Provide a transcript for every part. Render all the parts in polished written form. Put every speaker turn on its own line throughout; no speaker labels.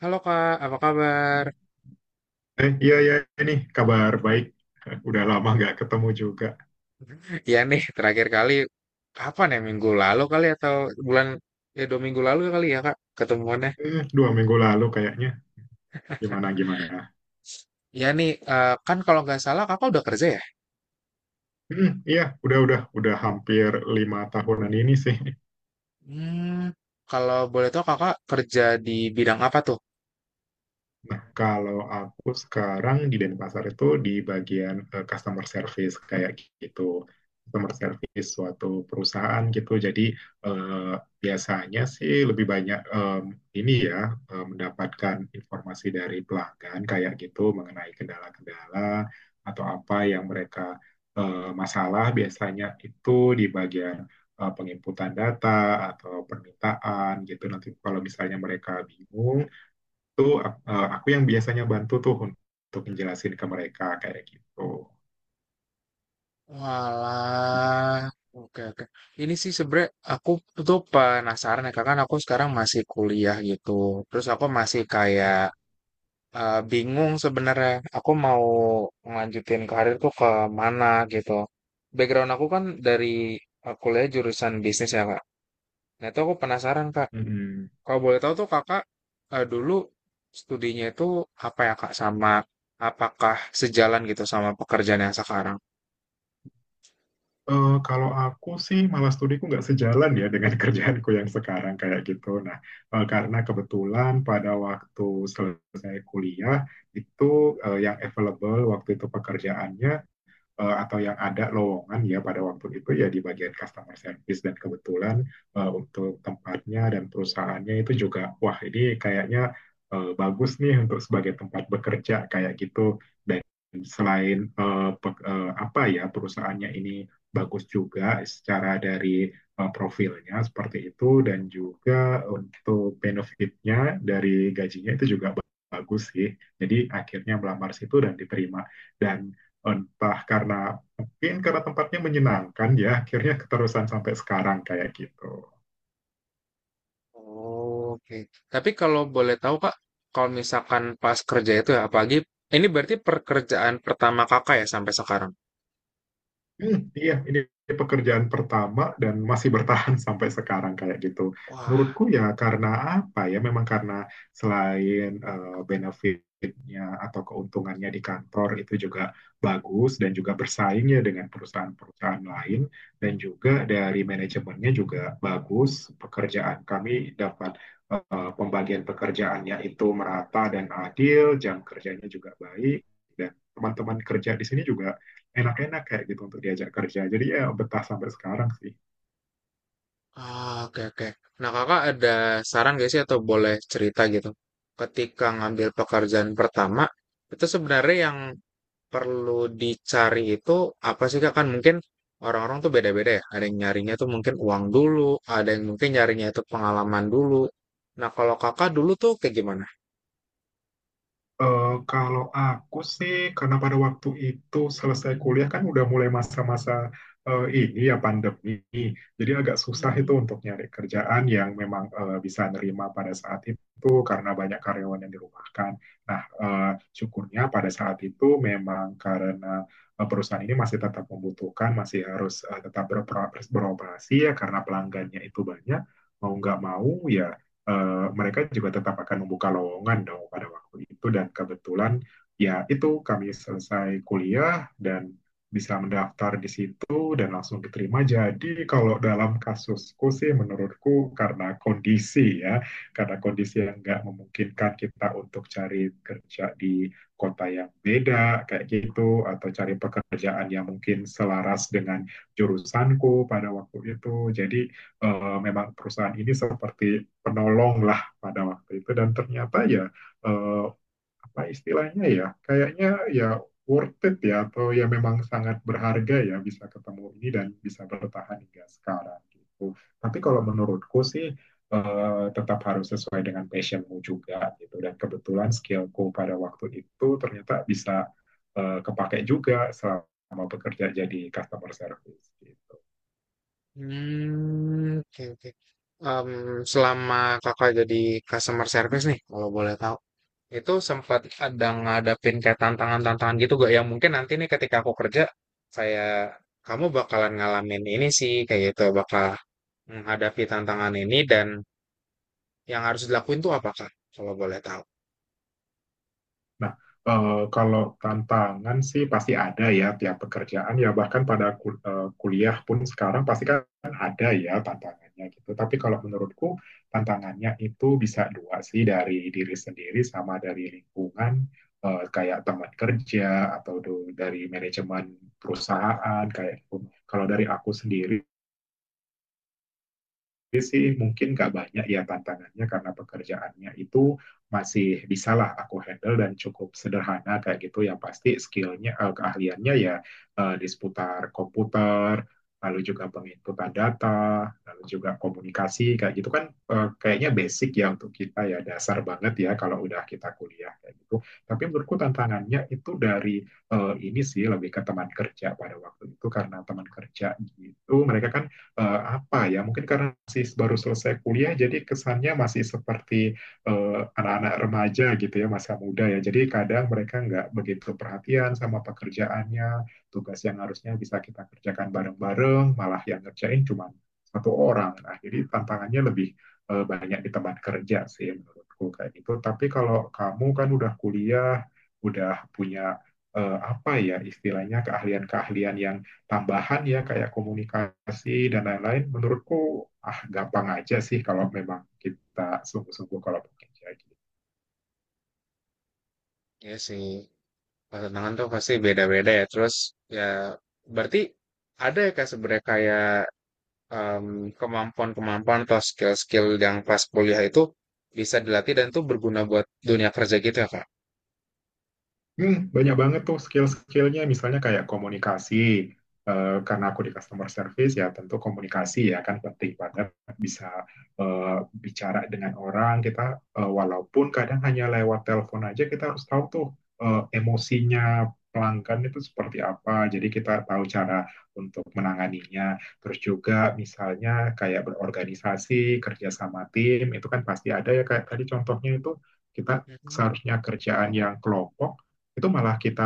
Halo Kak, apa kabar?
Iya, iya, ini kabar baik. Udah lama nggak ketemu juga.
Ya nih, terakhir kali kapan ya? Minggu lalu kali atau bulan ya dua minggu lalu kali ya Kak ketemuannya.
2 minggu lalu kayaknya. Gimana, gimana?
Ya nih, kan kalau nggak salah Kakak udah kerja ya?
Hmm, iya, udah hampir 5 tahunan ini sih.
Hmm, kalau boleh tahu Kakak kerja di bidang apa tuh?
Nah, kalau aku sekarang di Denpasar itu di bagian customer service kayak gitu. Customer service suatu perusahaan gitu. Jadi eh, biasanya sih lebih banyak ini ya mendapatkan informasi dari pelanggan kayak gitu mengenai kendala-kendala atau apa yang mereka masalah biasanya itu di bagian penginputan data atau permintaan gitu. Nanti kalau misalnya mereka bingung itu aku yang biasanya bantu tuh untuk menjelasin ke mereka kayak gitu.
Walah, oke oke. Ini sih sebenernya aku tuh penasaran ya Kak, kan aku sekarang masih kuliah gitu. Terus aku masih kayak bingung sebenarnya aku mau ngelanjutin karir tuh ke mana gitu. Background aku kan dari kuliah jurusan bisnis ya kak. Nah itu aku penasaran kak.
Mm.
Kalau boleh tahu tuh kakak dulu studinya itu apa ya kak sama apakah sejalan gitu sama pekerjaan yang sekarang?
Kalau aku sih malah studiku nggak sejalan ya dengan kerjaanku yang sekarang kayak gitu. Nah, karena kebetulan pada waktu selesai kuliah itu yang available waktu itu pekerjaannya atau yang ada lowongan ya pada waktu itu ya di bagian customer service dan kebetulan untuk tempatnya dan perusahaannya itu juga wah ini kayaknya bagus nih untuk sebagai tempat bekerja kayak gitu dan selain apa ya perusahaannya ini bagus juga secara dari profilnya seperti itu dan juga untuk benefitnya dari gajinya itu juga bagus sih. Jadi akhirnya melamar situ dan diterima. Dan entah karena mungkin karena tempatnya menyenangkan ya akhirnya keterusan sampai sekarang kayak gitu.
Oh, oke. Tapi kalau boleh tahu kak, kalau misalkan pas kerja itu ya apalagi ini berarti pekerjaan pertama kakak ya sampai sekarang.
Hmm, iya, ini pekerjaan pertama dan masih bertahan sampai sekarang kayak gitu.
Wah,
Menurutku ya karena apa ya? Memang karena selain benefitnya atau keuntungannya di kantor itu juga bagus dan juga bersaingnya dengan perusahaan-perusahaan lain dan juga dari manajemennya juga bagus. Pekerjaan kami dapat pembagian pekerjaannya itu merata dan adil, jam kerjanya juga baik dan teman-teman kerja di sini juga enak-enak kayak gitu untuk diajak kerja. Jadi ya betah sampai sekarang sih.
ah, oke oke. Nah, kakak ada saran gak sih atau boleh cerita gitu? Ketika ngambil pekerjaan pertama, itu sebenarnya yang perlu dicari itu apa sih kak? Kan mungkin orang-orang tuh beda-beda ya. Ada yang nyarinya tuh mungkin uang dulu, ada yang mungkin nyarinya itu pengalaman dulu. Nah, kalau kakak dulu tuh kayak gimana?
Eh kalau aku sih karena pada waktu itu selesai kuliah kan udah mulai masa-masa ini ya pandemi. Jadi agak susah itu
Hmm,
untuk nyari kerjaan yang memang bisa nerima pada saat itu karena banyak karyawan yang dirumahkan. Nah, syukurnya pada saat itu memang karena perusahaan ini masih tetap membutuhkan, masih harus tetap beroperasi, beroperasi ya karena pelanggannya itu banyak mau nggak mau ya mereka juga tetap akan membuka lowongan dong pada waktu itu dan kebetulan ya itu kami selesai kuliah dan bisa mendaftar di situ dan langsung diterima. Jadi kalau dalam kasusku sih menurutku karena kondisi ya, karena kondisi yang nggak memungkinkan kita untuk cari kerja di kota yang beda kayak gitu atau cari pekerjaan yang mungkin selaras dengan jurusanku pada waktu itu. Jadi memang perusahaan ini seperti penolong lah pada waktu itu dan ternyata ya uh, apa istilahnya ya kayaknya ya worth it ya atau ya memang sangat berharga ya bisa ketemu ini dan bisa bertahan hingga sekarang gitu. Tapi kalau menurutku sih tetap harus sesuai dengan passionmu juga gitu dan kebetulan skillku pada waktu itu ternyata bisa kepake juga selama bekerja jadi customer service gitu.
oke oke. Em, selama kakak jadi customer service nih, kalau boleh tahu, itu sempat ada ngadapin kayak tantangan-tantangan gitu gak yang mungkin nanti nih ketika aku kerja kayak kamu bakalan ngalamin ini sih kayak gitu bakal menghadapi tantangan ini dan yang harus dilakuin tuh apa kak? Kalau boleh tahu.
Nah, kalau tantangan sih pasti ada ya tiap pekerjaan ya bahkan pada kuliah pun sekarang pasti kan ada ya tantangannya gitu. Tapi kalau menurutku tantangannya itu bisa dua sih dari diri sendiri sama dari lingkungan kayak teman kerja atau dari manajemen perusahaan kayak gitu. Kalau dari aku sendiri sih mungkin nggak banyak ya tantangannya karena pekerjaannya itu masih bisalah aku handle dan cukup sederhana kayak gitu yang pasti skillnya keahliannya ya di seputar komputer lalu juga penginputan data lalu juga komunikasi kayak gitu kan kayaknya basic ya untuk kita ya dasar banget ya kalau udah kita kuliah kayak gitu tapi menurutku tantangannya itu dari ini sih lebih ke teman kerja pada waktu itu karena teman kerja gitu mereka kan apa ya, mungkin karena masih baru selesai kuliah, jadi kesannya masih seperti anak-anak remaja gitu ya, masa muda ya. Jadi kadang mereka nggak begitu perhatian sama pekerjaannya, tugas yang harusnya bisa kita kerjakan bareng-bareng, malah yang ngerjain cuma satu orang. Nah, jadi tantangannya lebih banyak di tempat kerja sih menurutku kayak gitu. Tapi kalau kamu kan udah kuliah, udah punya apa ya istilahnya keahlian-keahlian yang tambahan ya kayak komunikasi dan lain-lain menurutku ah gampang aja sih kalau memang kita sungguh-sungguh kalau bekerja gitu.
Ya sih, kalau tantangan tuh pasti beda-beda ya. Terus ya berarti ada ya kayak sebenarnya kayak em, kemampuan-kemampuan atau skill-skill yang pas kuliah itu bisa dilatih dan tuh berguna buat dunia kerja gitu ya
Hmm, banyak banget tuh skill-skillnya, misalnya kayak komunikasi. Karena aku di customer service ya tentu komunikasi ya kan penting banget bisa eh, bicara dengan orang kita walaupun kadang hanya lewat telepon aja kita harus tahu tuh emosinya pelanggan itu seperti apa. Jadi kita tahu cara untuk menanganinya. Terus juga misalnya kayak berorganisasi, kerja sama tim itu kan pasti ada ya kayak tadi contohnya itu kita
Kak.
seharusnya kerjaan yang kelompok itu malah kita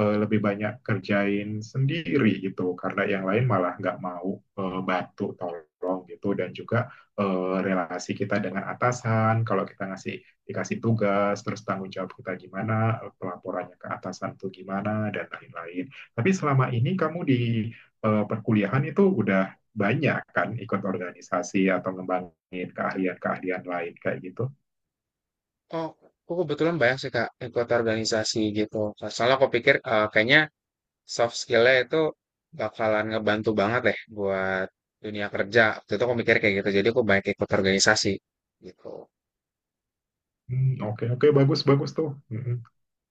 lebih banyak kerjain sendiri gitu karena yang lain malah nggak mau bantu tolong gitu dan juga relasi kita dengan atasan kalau kita dikasih tugas terus tanggung jawab kita gimana pelaporannya ke atasan tuh gimana dan lain-lain tapi selama ini kamu di perkuliahan itu udah banyak kan ikut organisasi atau ngembangin keahlian-keahlian lain kayak gitu.
Oh, aku kebetulan banyak sih Kak ikut organisasi gitu. Nah, soalnya aku pikir kayaknya soft skill-nya itu bakalan ngebantu banget deh buat dunia kerja. Waktu itu aku mikir kayak gitu, jadi aku banyak ikut organisasi gitu.
Hmm, oke oke, bagus bagus tuh. Mm-mm.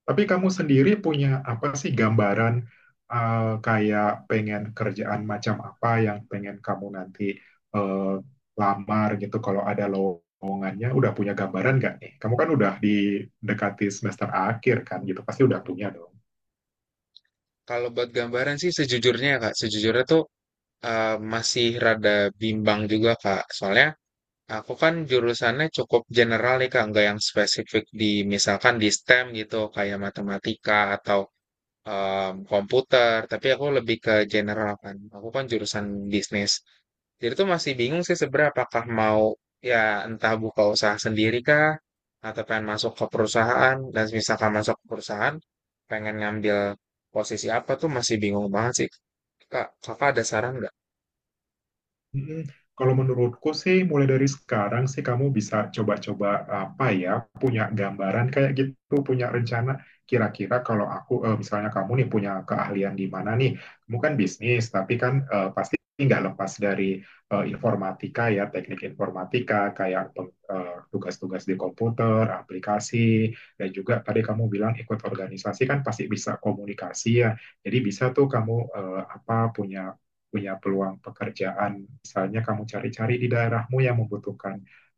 Tapi kamu sendiri punya apa sih gambaran kayak pengen kerjaan macam apa yang pengen kamu nanti eh, lamar gitu kalau ada lowongannya udah punya gambaran nggak nih? Kamu kan udah didekati semester akhir kan gitu pasti udah
Hmm.
punya dong.
Kalau buat gambaran sih sejujurnya ya Kak, sejujurnya tuh masih rada bimbang juga Kak. Soalnya aku kan jurusannya cukup general nih Kak, nggak yang spesifik di misalkan di STEM gitu, kayak matematika atau komputer, tapi aku lebih ke general kan. Aku kan jurusan bisnis. Jadi tuh masih bingung sih sebenarnya apakah mau ya entah buka usaha sendiri kah atau pengen masuk ke perusahaan dan misalkan masuk ke perusahaan pengen ngambil posisi apa tuh masih bingung banget sih. Kak, kakak ada saran nggak?
Mm-mm. Kalau menurutku sih mulai dari sekarang sih kamu bisa coba-coba apa ya punya gambaran kayak gitu punya rencana kira-kira kalau aku misalnya kamu nih punya keahlian di mana nih kamu kan bisnis tapi kan pasti nggak lepas dari informatika ya teknik informatika kayak tugas-tugas di komputer aplikasi dan juga tadi kamu bilang ikut organisasi kan pasti bisa komunikasi ya jadi bisa tuh kamu eh, apa punya punya peluang pekerjaan. Misalnya kamu cari-cari di daerahmu yang membutuhkan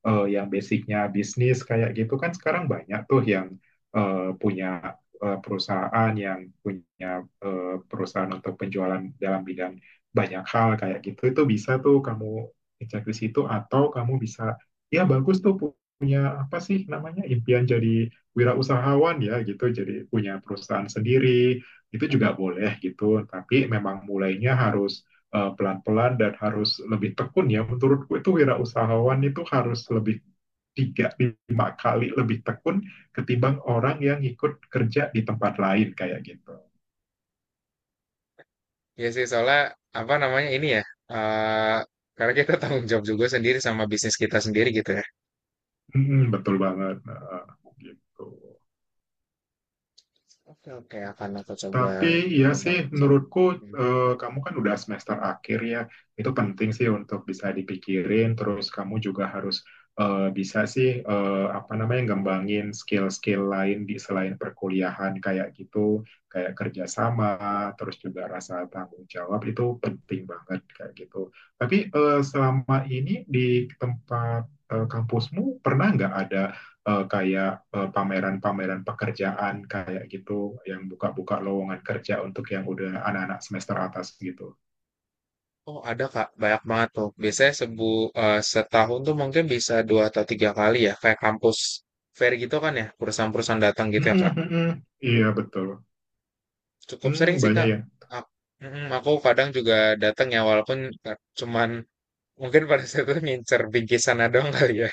yang basicnya bisnis kayak gitu kan sekarang banyak tuh yang eh, punya punya perusahaan untuk penjualan dalam bidang banyak hal kayak gitu itu bisa tuh kamu cek di situ atau kamu bisa ya bagus tuh punya apa sih namanya impian jadi wirausahawan ya gitu jadi punya perusahaan sendiri itu juga boleh gitu tapi memang mulainya harus pelan-pelan dan harus lebih tekun ya. Menurutku itu wirausahawan itu harus lebih 3-5 kali lebih tekun ketimbang orang yang ikut kerja di tempat lain kayak gitu.
Ya sih soalnya apa namanya ini ya eh karena kita tanggung jawab juga sendiri sama bisnis kita sendiri gitu ya.
Hmm, betul banget. Nah, gitu.
Oke oke akan aku coba
Tapi ya
berkembang.
sih menurutku kamu kan udah semester akhir ya. Itu penting sih untuk bisa dipikirin. Terus kamu juga harus bisa sih apa namanya ngembangin skill-skill lain di selain perkuliahan kayak gitu, kayak kerjasama, terus juga rasa tanggung jawab itu penting banget kayak gitu. Tapi selama ini di tempat kampusmu pernah nggak ada eh, kayak pameran-pameran pekerjaan kayak gitu yang buka-buka lowongan kerja untuk yang udah anak-anak semester atas gitu.
Oh ada Kak, banyak banget tuh. Biasanya setahun tuh mungkin bisa dua atau tiga kali ya, kayak kampus fair gitu kan ya, perusahaan-perusahaan datang gitu
Mm,
ya Kak.
mm, mm. Iya betul.
Cukup
Hmm,
sering sih
banyak
Kak.
ya.
Ak- Aku, kadang juga datang ya, walaupun cuman mungkin pada saat itu ngincer bingkisannya doang kali ya.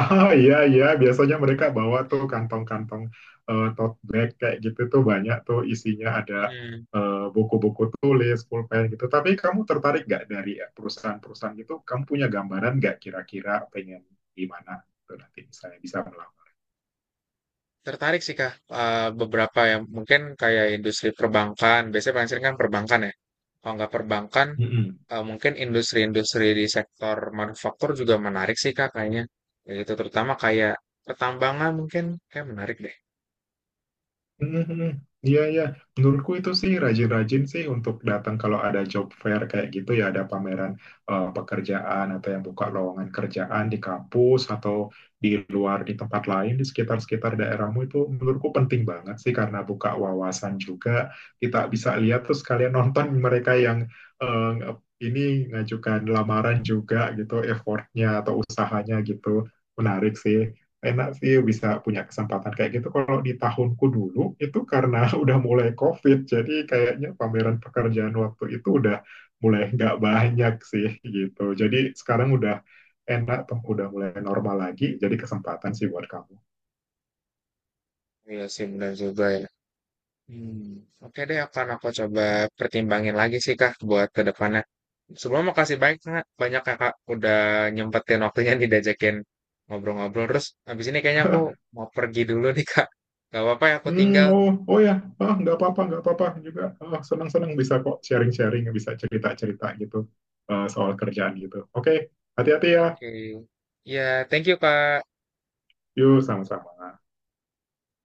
Ah, iya iya, biasanya mereka bawa tuh kantong-kantong tote bag kayak gitu tuh banyak tuh isinya ada
Mm.
buku-buku tulis, pulpen gitu. Tapi kamu tertarik nggak dari perusahaan-perusahaan gitu? Kamu punya gambaran nggak kira-kira pengen gimana tuh nanti misalnya bisa
Tertarik sih Kak, beberapa yang mungkin kayak industri perbankan, biasanya paling sering kan perbankan ya. Kalau nggak perbankan,
melakukan?
mungkin industri-industri di sektor manufaktur juga menarik sih Kak kayaknya. Ya, itu terutama kayak pertambangan mungkin kayak menarik deh.
Mhm. Iya, iya. Menurutku itu sih rajin-rajin sih untuk datang kalau ada job fair kayak gitu ya, ada pameran pekerjaan atau yang buka lowongan kerjaan di kampus atau di luar di tempat lain di sekitar-sekitar daerahmu itu menurutku penting banget sih karena buka wawasan juga. Kita bisa lihat terus kalian nonton mereka yang eh, ini ngajukan lamaran juga gitu, effortnya atau usahanya gitu. Menarik sih, enak sih bisa punya kesempatan kayak gitu. Kalau di tahunku dulu itu karena udah mulai COVID, jadi kayaknya pameran pekerjaan waktu itu udah mulai nggak banyak sih gitu. Jadi sekarang udah enak tuh, udah mulai normal lagi. Jadi kesempatan sih buat kamu.
Iya sih, benar juga ya. Hmm, oke deh, akan aku coba pertimbangin lagi sih Kak buat ke depannya. Sebelumnya makasih banyak Kak, banyak Kakak udah nyempetin waktunya nih diajakin ngobrol-ngobrol. Terus habis ini kayaknya aku mau pergi dulu nih Kak. Gak apa-apa ya aku
Hmm,
tinggal.
oh, oh ya, ah, nggak apa-apa juga. Ah, senang-senang bisa kok sharing-sharing, bisa cerita-cerita gitu soal kerjaan gitu. Oke, hati-hati ya.
Oke. Ya, thank you Kak.
Yuk, sama-sama.